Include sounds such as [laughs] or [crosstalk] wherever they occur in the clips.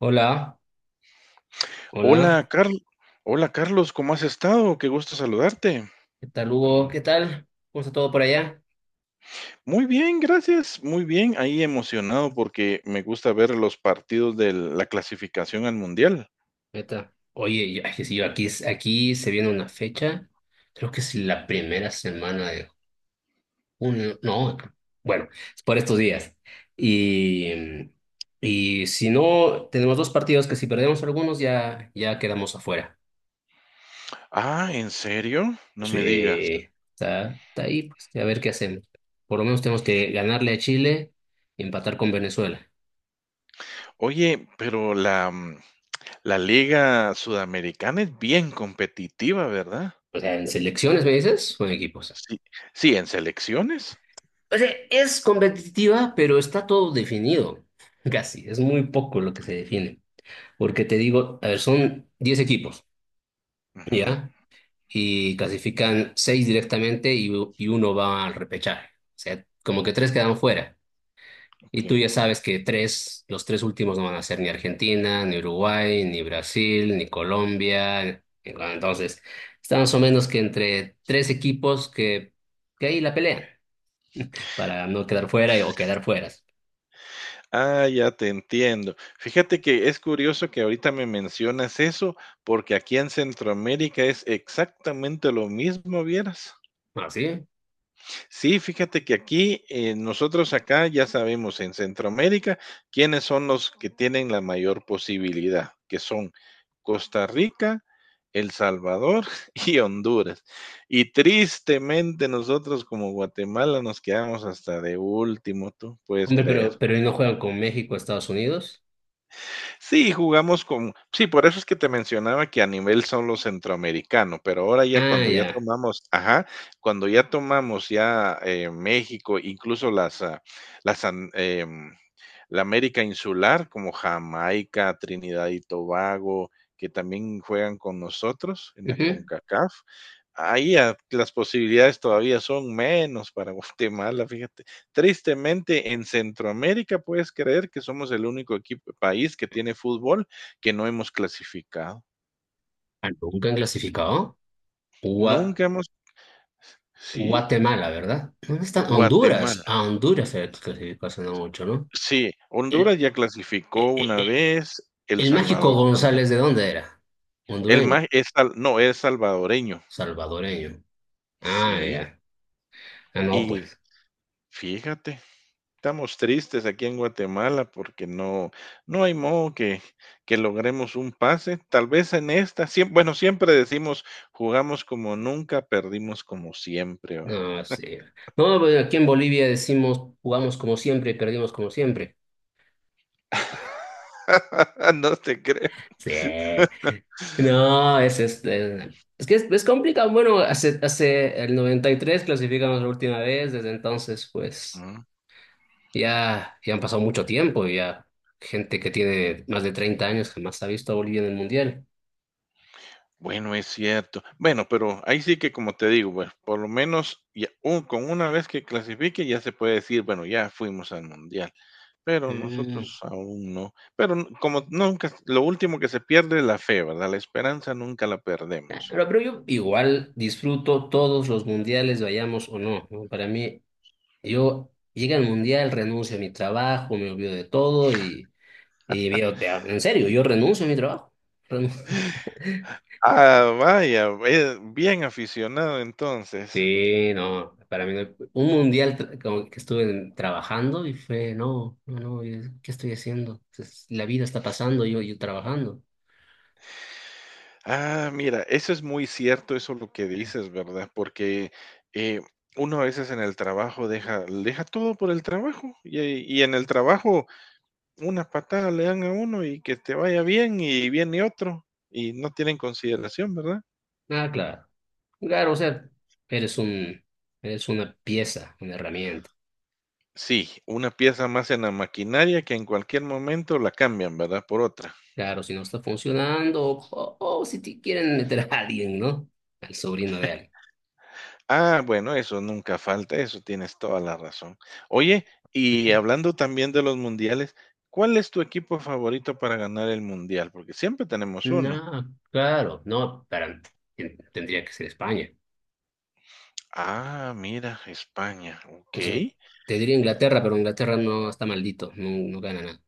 Hola, hola, Hola, Carl. Hola, Carlos, ¿cómo has estado? Qué gusto saludarte. ¿qué tal, Hugo? ¿Qué tal? ¿Cómo está todo por allá? Muy bien, gracias. Muy bien. Ahí emocionado porque me gusta ver los partidos de la clasificación al mundial. Neta. Oye, ay, que sí, yo aquí, aquí se viene una fecha, creo que es la primera semana de junio, no, bueno, es por estos días. Y, y si no, tenemos dos partidos que si perdemos algunos ya, ya quedamos afuera. Ah, ¿en serio? No me digas. Sí, está ahí, pues a ver qué hacemos. Por lo menos tenemos que ganarle a Chile y empatar con Venezuela. Oye, pero la Liga Sudamericana es bien competitiva, ¿verdad? O sea, ¿en selecciones me dices o en equipos? Sí, sí, en selecciones. O sea, es competitiva, pero está todo definido, [laughs] casi. Es muy poco lo que se define. Porque te digo, a ver, son 10 equipos, Ujú, ¿ya? Y clasifican 6 directamente y, y uno va al repechaje. O sea, como que tres quedan fuera. ok. Y tú ya sabes que tres, los tres últimos no van a ser ni Argentina, ni Uruguay, ni Brasil, ni Colombia. Entonces, está más o menos que entre tres equipos que ahí la pelean para no quedar fuera o quedar fueras. Ah, ya te entiendo. Fíjate que es curioso que ahorita me mencionas eso, porque aquí en Centroamérica es exactamente lo mismo, vieras. Así. Sí, fíjate que aquí, nosotros acá ya sabemos en Centroamérica quiénes son los que tienen la mayor posibilidad, que son Costa Rica, El Salvador [laughs] y Honduras. Y tristemente nosotros como Guatemala nos quedamos hasta de último, tú puedes Hombre, creer. Pero ¿no juegan con México, Estados Unidos? Sí, jugamos con sí, por eso es que te mencionaba que a nivel solo centroamericano, pero ahora ya Ah, cuando ya ya. tomamos ajá, cuando ya tomamos ya, México, incluso las, ah, las em, la América insular, como Jamaica, Trinidad y Tobago, que también juegan con nosotros en la Ujú. CONCACAF. Las posibilidades todavía son menos para [laughs] Guatemala, fíjate. Tristemente, en Centroamérica puedes creer que somos el único equipo, país que tiene fútbol que no hemos clasificado. Ah, ¿nunca han clasificado? Gua- Nunca hemos, sí, Guatemala, ¿verdad? ¿Dónde están? Honduras. Guatemala, A Honduras se clasificó hace no mucho, ¿no? sí, El, Honduras ya eh, clasificó eh, una eh, vez, El el mágico Salvador también. González, ¿de dónde era? El Hondureño, más es no, es salvadoreño. salvadoreño. Ah, Sí, ya. Ah, no, y pues. fíjate, estamos tristes aquí en Guatemala porque no, no hay modo que logremos un pase. Tal vez en esta, bueno, siempre decimos, jugamos como nunca, perdimos como siempre, ¿va? No, sí. No, pues aquí en Bolivia decimos, jugamos como siempre y perdimos como siempre. [laughs] No te creo. Sí. No, es este. Es que es complicado. Bueno, hace el 93 clasificamos la última vez. Desde entonces, pues Mm, ya, ya han pasado mucho tiempo. Y ya gente que tiene más de 30 años jamás ha visto a Bolivia en el mundial. Bueno, es cierto. Bueno, pero ahí sí que como te digo, bueno, por lo menos ya, con una vez que clasifique ya se puede decir, bueno, ya fuimos al mundial. Pero Mm. nosotros aún no. Pero n como nunca lo último que se pierde es la fe, ¿verdad? La esperanza nunca la perdemos. Pero yo igual disfruto todos los mundiales, vayamos o no, ¿no? Para mí, yo llega el mundial, renuncio a mi trabajo, me olvido de todo y veo, en serio, yo renuncio a mi trabajo. Ah, vaya, bien aficionado entonces. Sí, no, para mí un mundial como que estuve trabajando y fue, no, no, no, es- ¿qué estoy haciendo? La vida está pasando, yo trabajando. Ah, mira, eso es muy cierto, eso lo que dices, ¿verdad? Porque, eh, uno a veces en el trabajo deja todo por el trabajo, y en el trabajo una patada le dan a uno y que te vaya bien, y viene otro, y no tienen consideración, ¿verdad? Ah, claro, claro, o sea, eres eres una pieza, una herramienta. Sí, una pieza más en la maquinaria que en cualquier momento la cambian, ¿verdad? Por otra. Claro, si no está funcionando o si te quieren meter a alguien, ¿no? Al sobrino de alguien. Ah, bueno, eso nunca falta, eso tienes toda la razón. Oye, y Sí. hablando también de los mundiales, ¿cuál es tu equipo favorito para ganar el mundial? Porque siempre tenemos uno. No, claro, no, para, tendría que ser España. Ah, mira, España, ok. O sea, te diría Inglaterra, pero Inglaterra no está maldito, no, no gana nada.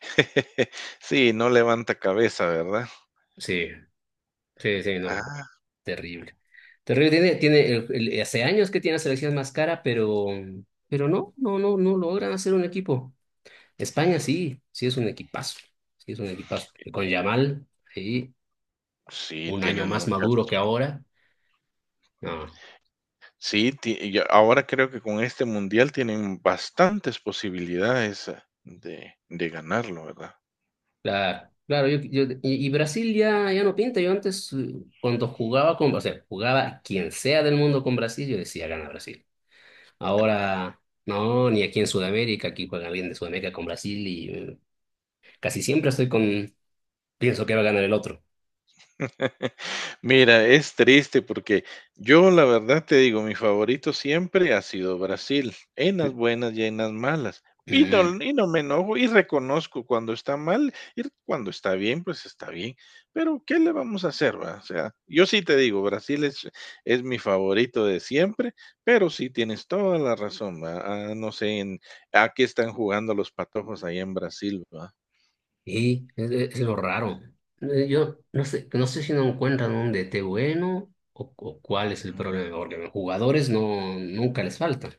[laughs] Sí, no levanta cabeza, ¿verdad? Sí, sí, sí, no, Ah, terrible. Terrible, tiene, tiene, hace años que tiene la selección más cara, pero, pero no logran hacer un equipo. España sí, sí es un equipazo, sí es un equipazo. Y con Yamal, sí, sí, un año tienen más mucha maduro que razón. ahora. No, Sí, y ahora creo que con este mundial tienen bastantes posibilidades de ganarlo, ¿verdad? claro, claro, yo, y Brasil ya, ya no pinta. Yo antes, cuando jugaba con, o sea, jugaba quien sea del mundo con Brasil, yo decía, gana Brasil. Claro. Ahora... No, ni aquí en Sudamérica, aquí juega alguien de Sudamérica con Brasil. Casi siempre estoy pienso que va a ganar el otro. [laughs] Mira, es triste porque yo la verdad te digo, mi favorito siempre ha sido Brasil, en las buenas y en las malas. Mm. Y no me enojo y reconozco cuando está mal y cuando está bien, pues está bien. Pero ¿qué le vamos a hacer, va? O sea, yo sí te digo, Brasil es mi favorito de siempre, pero sí tienes toda la razón, va. Ah, no sé a qué están jugando los patojos ahí en Brasil, va. Y es lo raro. Yo no sé, no sé si no encuentran un DT bueno o cuál es el Mm. problema, porque los jugadores no, nunca les faltan.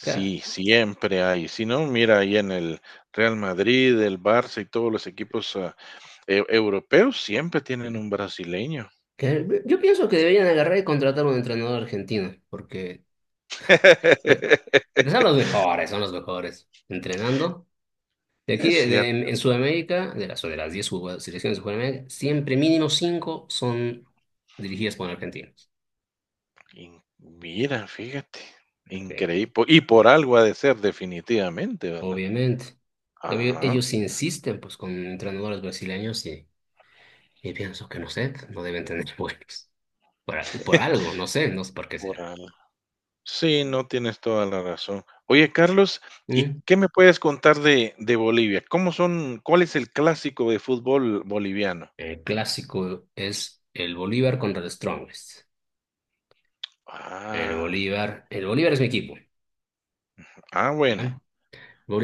Ca- siempre hay. Si no, mira ahí en el Real Madrid, el Barça y todos los equipos europeos siempre tienen un brasileño. Yo pienso que deberían agarrar y contratar a un entrenador argentino, porque, eh, [laughs] porque son los mejores entrenando. De aquí, Es cierto. En Sudamérica, de las 10 selecciones de Sudamérica, siempre mínimo 5 son dirigidas por argentinos. Mira, fíjate, Sí, increíble. Y por algo ha de ser definitivamente, ¿verdad? obviamente. Ya Ajá. ellos insisten pues con entrenadores brasileños y pienso que no sé, no deben tener [laughs] buenos. Por, por algo, no sé, no sé por qué será. Por algo. Sí, no tienes toda la razón. Oye, Carlos, ¿y Mm. qué me puedes contar de Bolivia? ¿Cómo son, cuál es el clásico de fútbol boliviano? El clásico es el Bolívar contra el Strongest. Ah, El Bolívar es mi equipo, ah, bueno, ¿ya?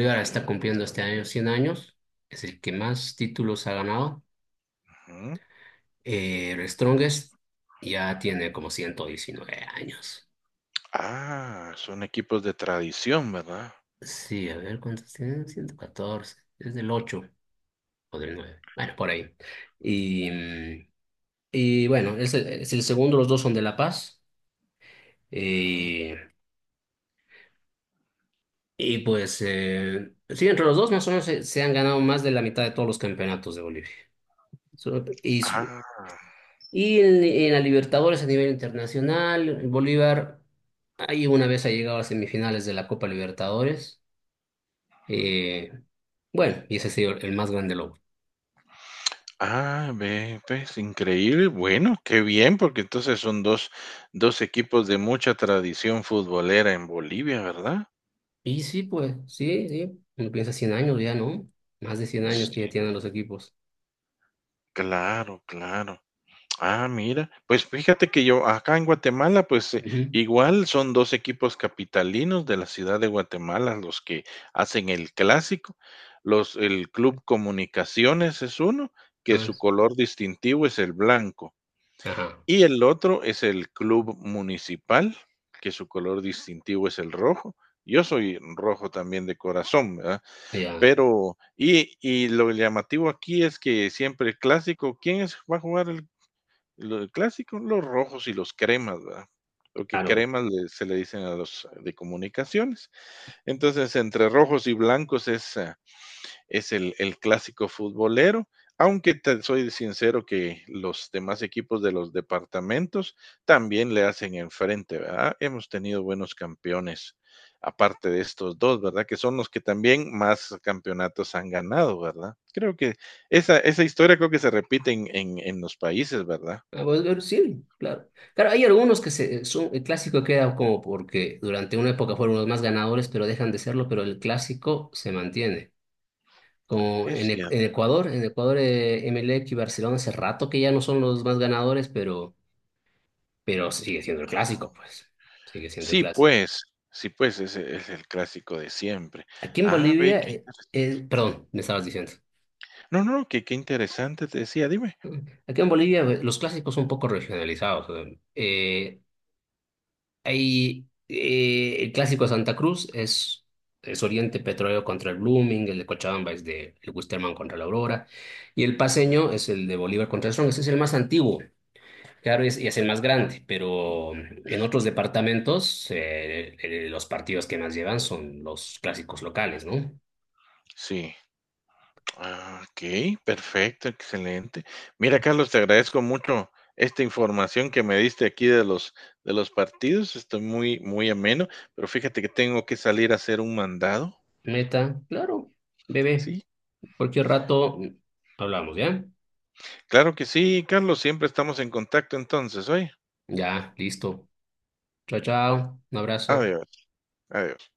ok. está cumpliendo este año 100 años, es el que más títulos ha ganado. Ujú. El Strongest ya tiene como 119 años. Ah, son equipos de tradición, ¿verdad? Sí, a ver, ¿cuántos tiene? 114, es del 8 o del nueve. Bueno, por ahí. Y, y bueno, es el segundo, los dos son de La Paz. Ujú. Y, y pues, sí, entre los dos más o menos se, se han ganado más de la mitad de todos los campeonatos de Bolivia. So- Y, su- Ah, y en la Libertadores a nivel internacional, Bolívar ahí una vez ha llegado a semifinales de la Copa Libertadores. Eh, bueno, y ese ha sido el más grande logro. ah, ve, pues, increíble. Bueno, qué bien, porque entonces son 2 equipos de mucha tradición futbolera en Bolivia, ¿verdad? Y sí, pues, sí, sí. Uno piensa 100 años ya, ¿no? Más de 100 años que ya Sí, tienen los equipos. claro, claro. Ah, mira, pues fíjate que yo acá en Guatemala, pues Ujú. igual son dos equipos capitalinos de la ciudad de Guatemala los que hacen el clásico. El Club Comunicaciones es uno, que Ah, su s- color distintivo es el blanco, ajá, y el otro es el Club Municipal, que su color distintivo es el rojo. Yo soy rojo también de corazón, ¿verdad? ya, Pero, y lo llamativo aquí es que siempre el clásico, ¿quién es, va a jugar el lo clásico, los rojos y los cremas, ¿verdad? Porque claro. cremas le se le dicen a los de comunicaciones. Entonces, entre rojos y blancos es el clásico futbolero, aunque te soy sincero que los demás equipos de los departamentos también le hacen enfrente, ¿verdad? Hemos tenido buenos campeones, aparte de estos dos, ¿verdad? Que son los que también más campeonatos han ganado, ¿verdad? Creo que esa historia creo que se repite en en los países, ¿verdad? Ah, bueno, pero sí, claro. Claro, hay algunos que se, son, el clásico queda como porque durante una época fueron los más ganadores, pero dejan de serlo, pero el clásico se mantiene. Es cier En Ecuador, Emelec y Barcelona hace rato que ya no son los más ganadores, pero sigue siendo el Ah, clásico, pues. Sigue siendo el sí, clásico. pues, sí, pues, ese es el clásico de siempre. Aquí en Ah, ve, Bolivia, qué interes perdón, me estabas diciendo. no, no, no, que qué interesante, te decía, dime. Aquí en Bolivia, los clásicos son un poco regionalizados. eh, Hay el clásico de Santa Cruz es Oriente Petrolero contra el Blooming, el de Cochabamba es de el Wisterman contra la Aurora, y el paseño Mm, es el de Bolívar contra el Strong, ese es el más antiguo, claro, y es el más grande, pero en sí, otros departamentos los partidos que más llevan son los clásicos locales, ¿no? sí. Ah, okey, perfecto, excelente. Mira, Carlos, te agradezco mucho esta información que me diste aquí de los partidos. Estoy muy muy ameno, pero fíjate que tengo que salir a hacer un mandado. Meta, claro, bebé, Sí, cualquier rato hablamos, ¿ya? claro que sí, Carlos, siempre estamos en contacto entonces, ¿oye? Ya, listo. Chao, chao, un abrazo. Adiós. Adiós.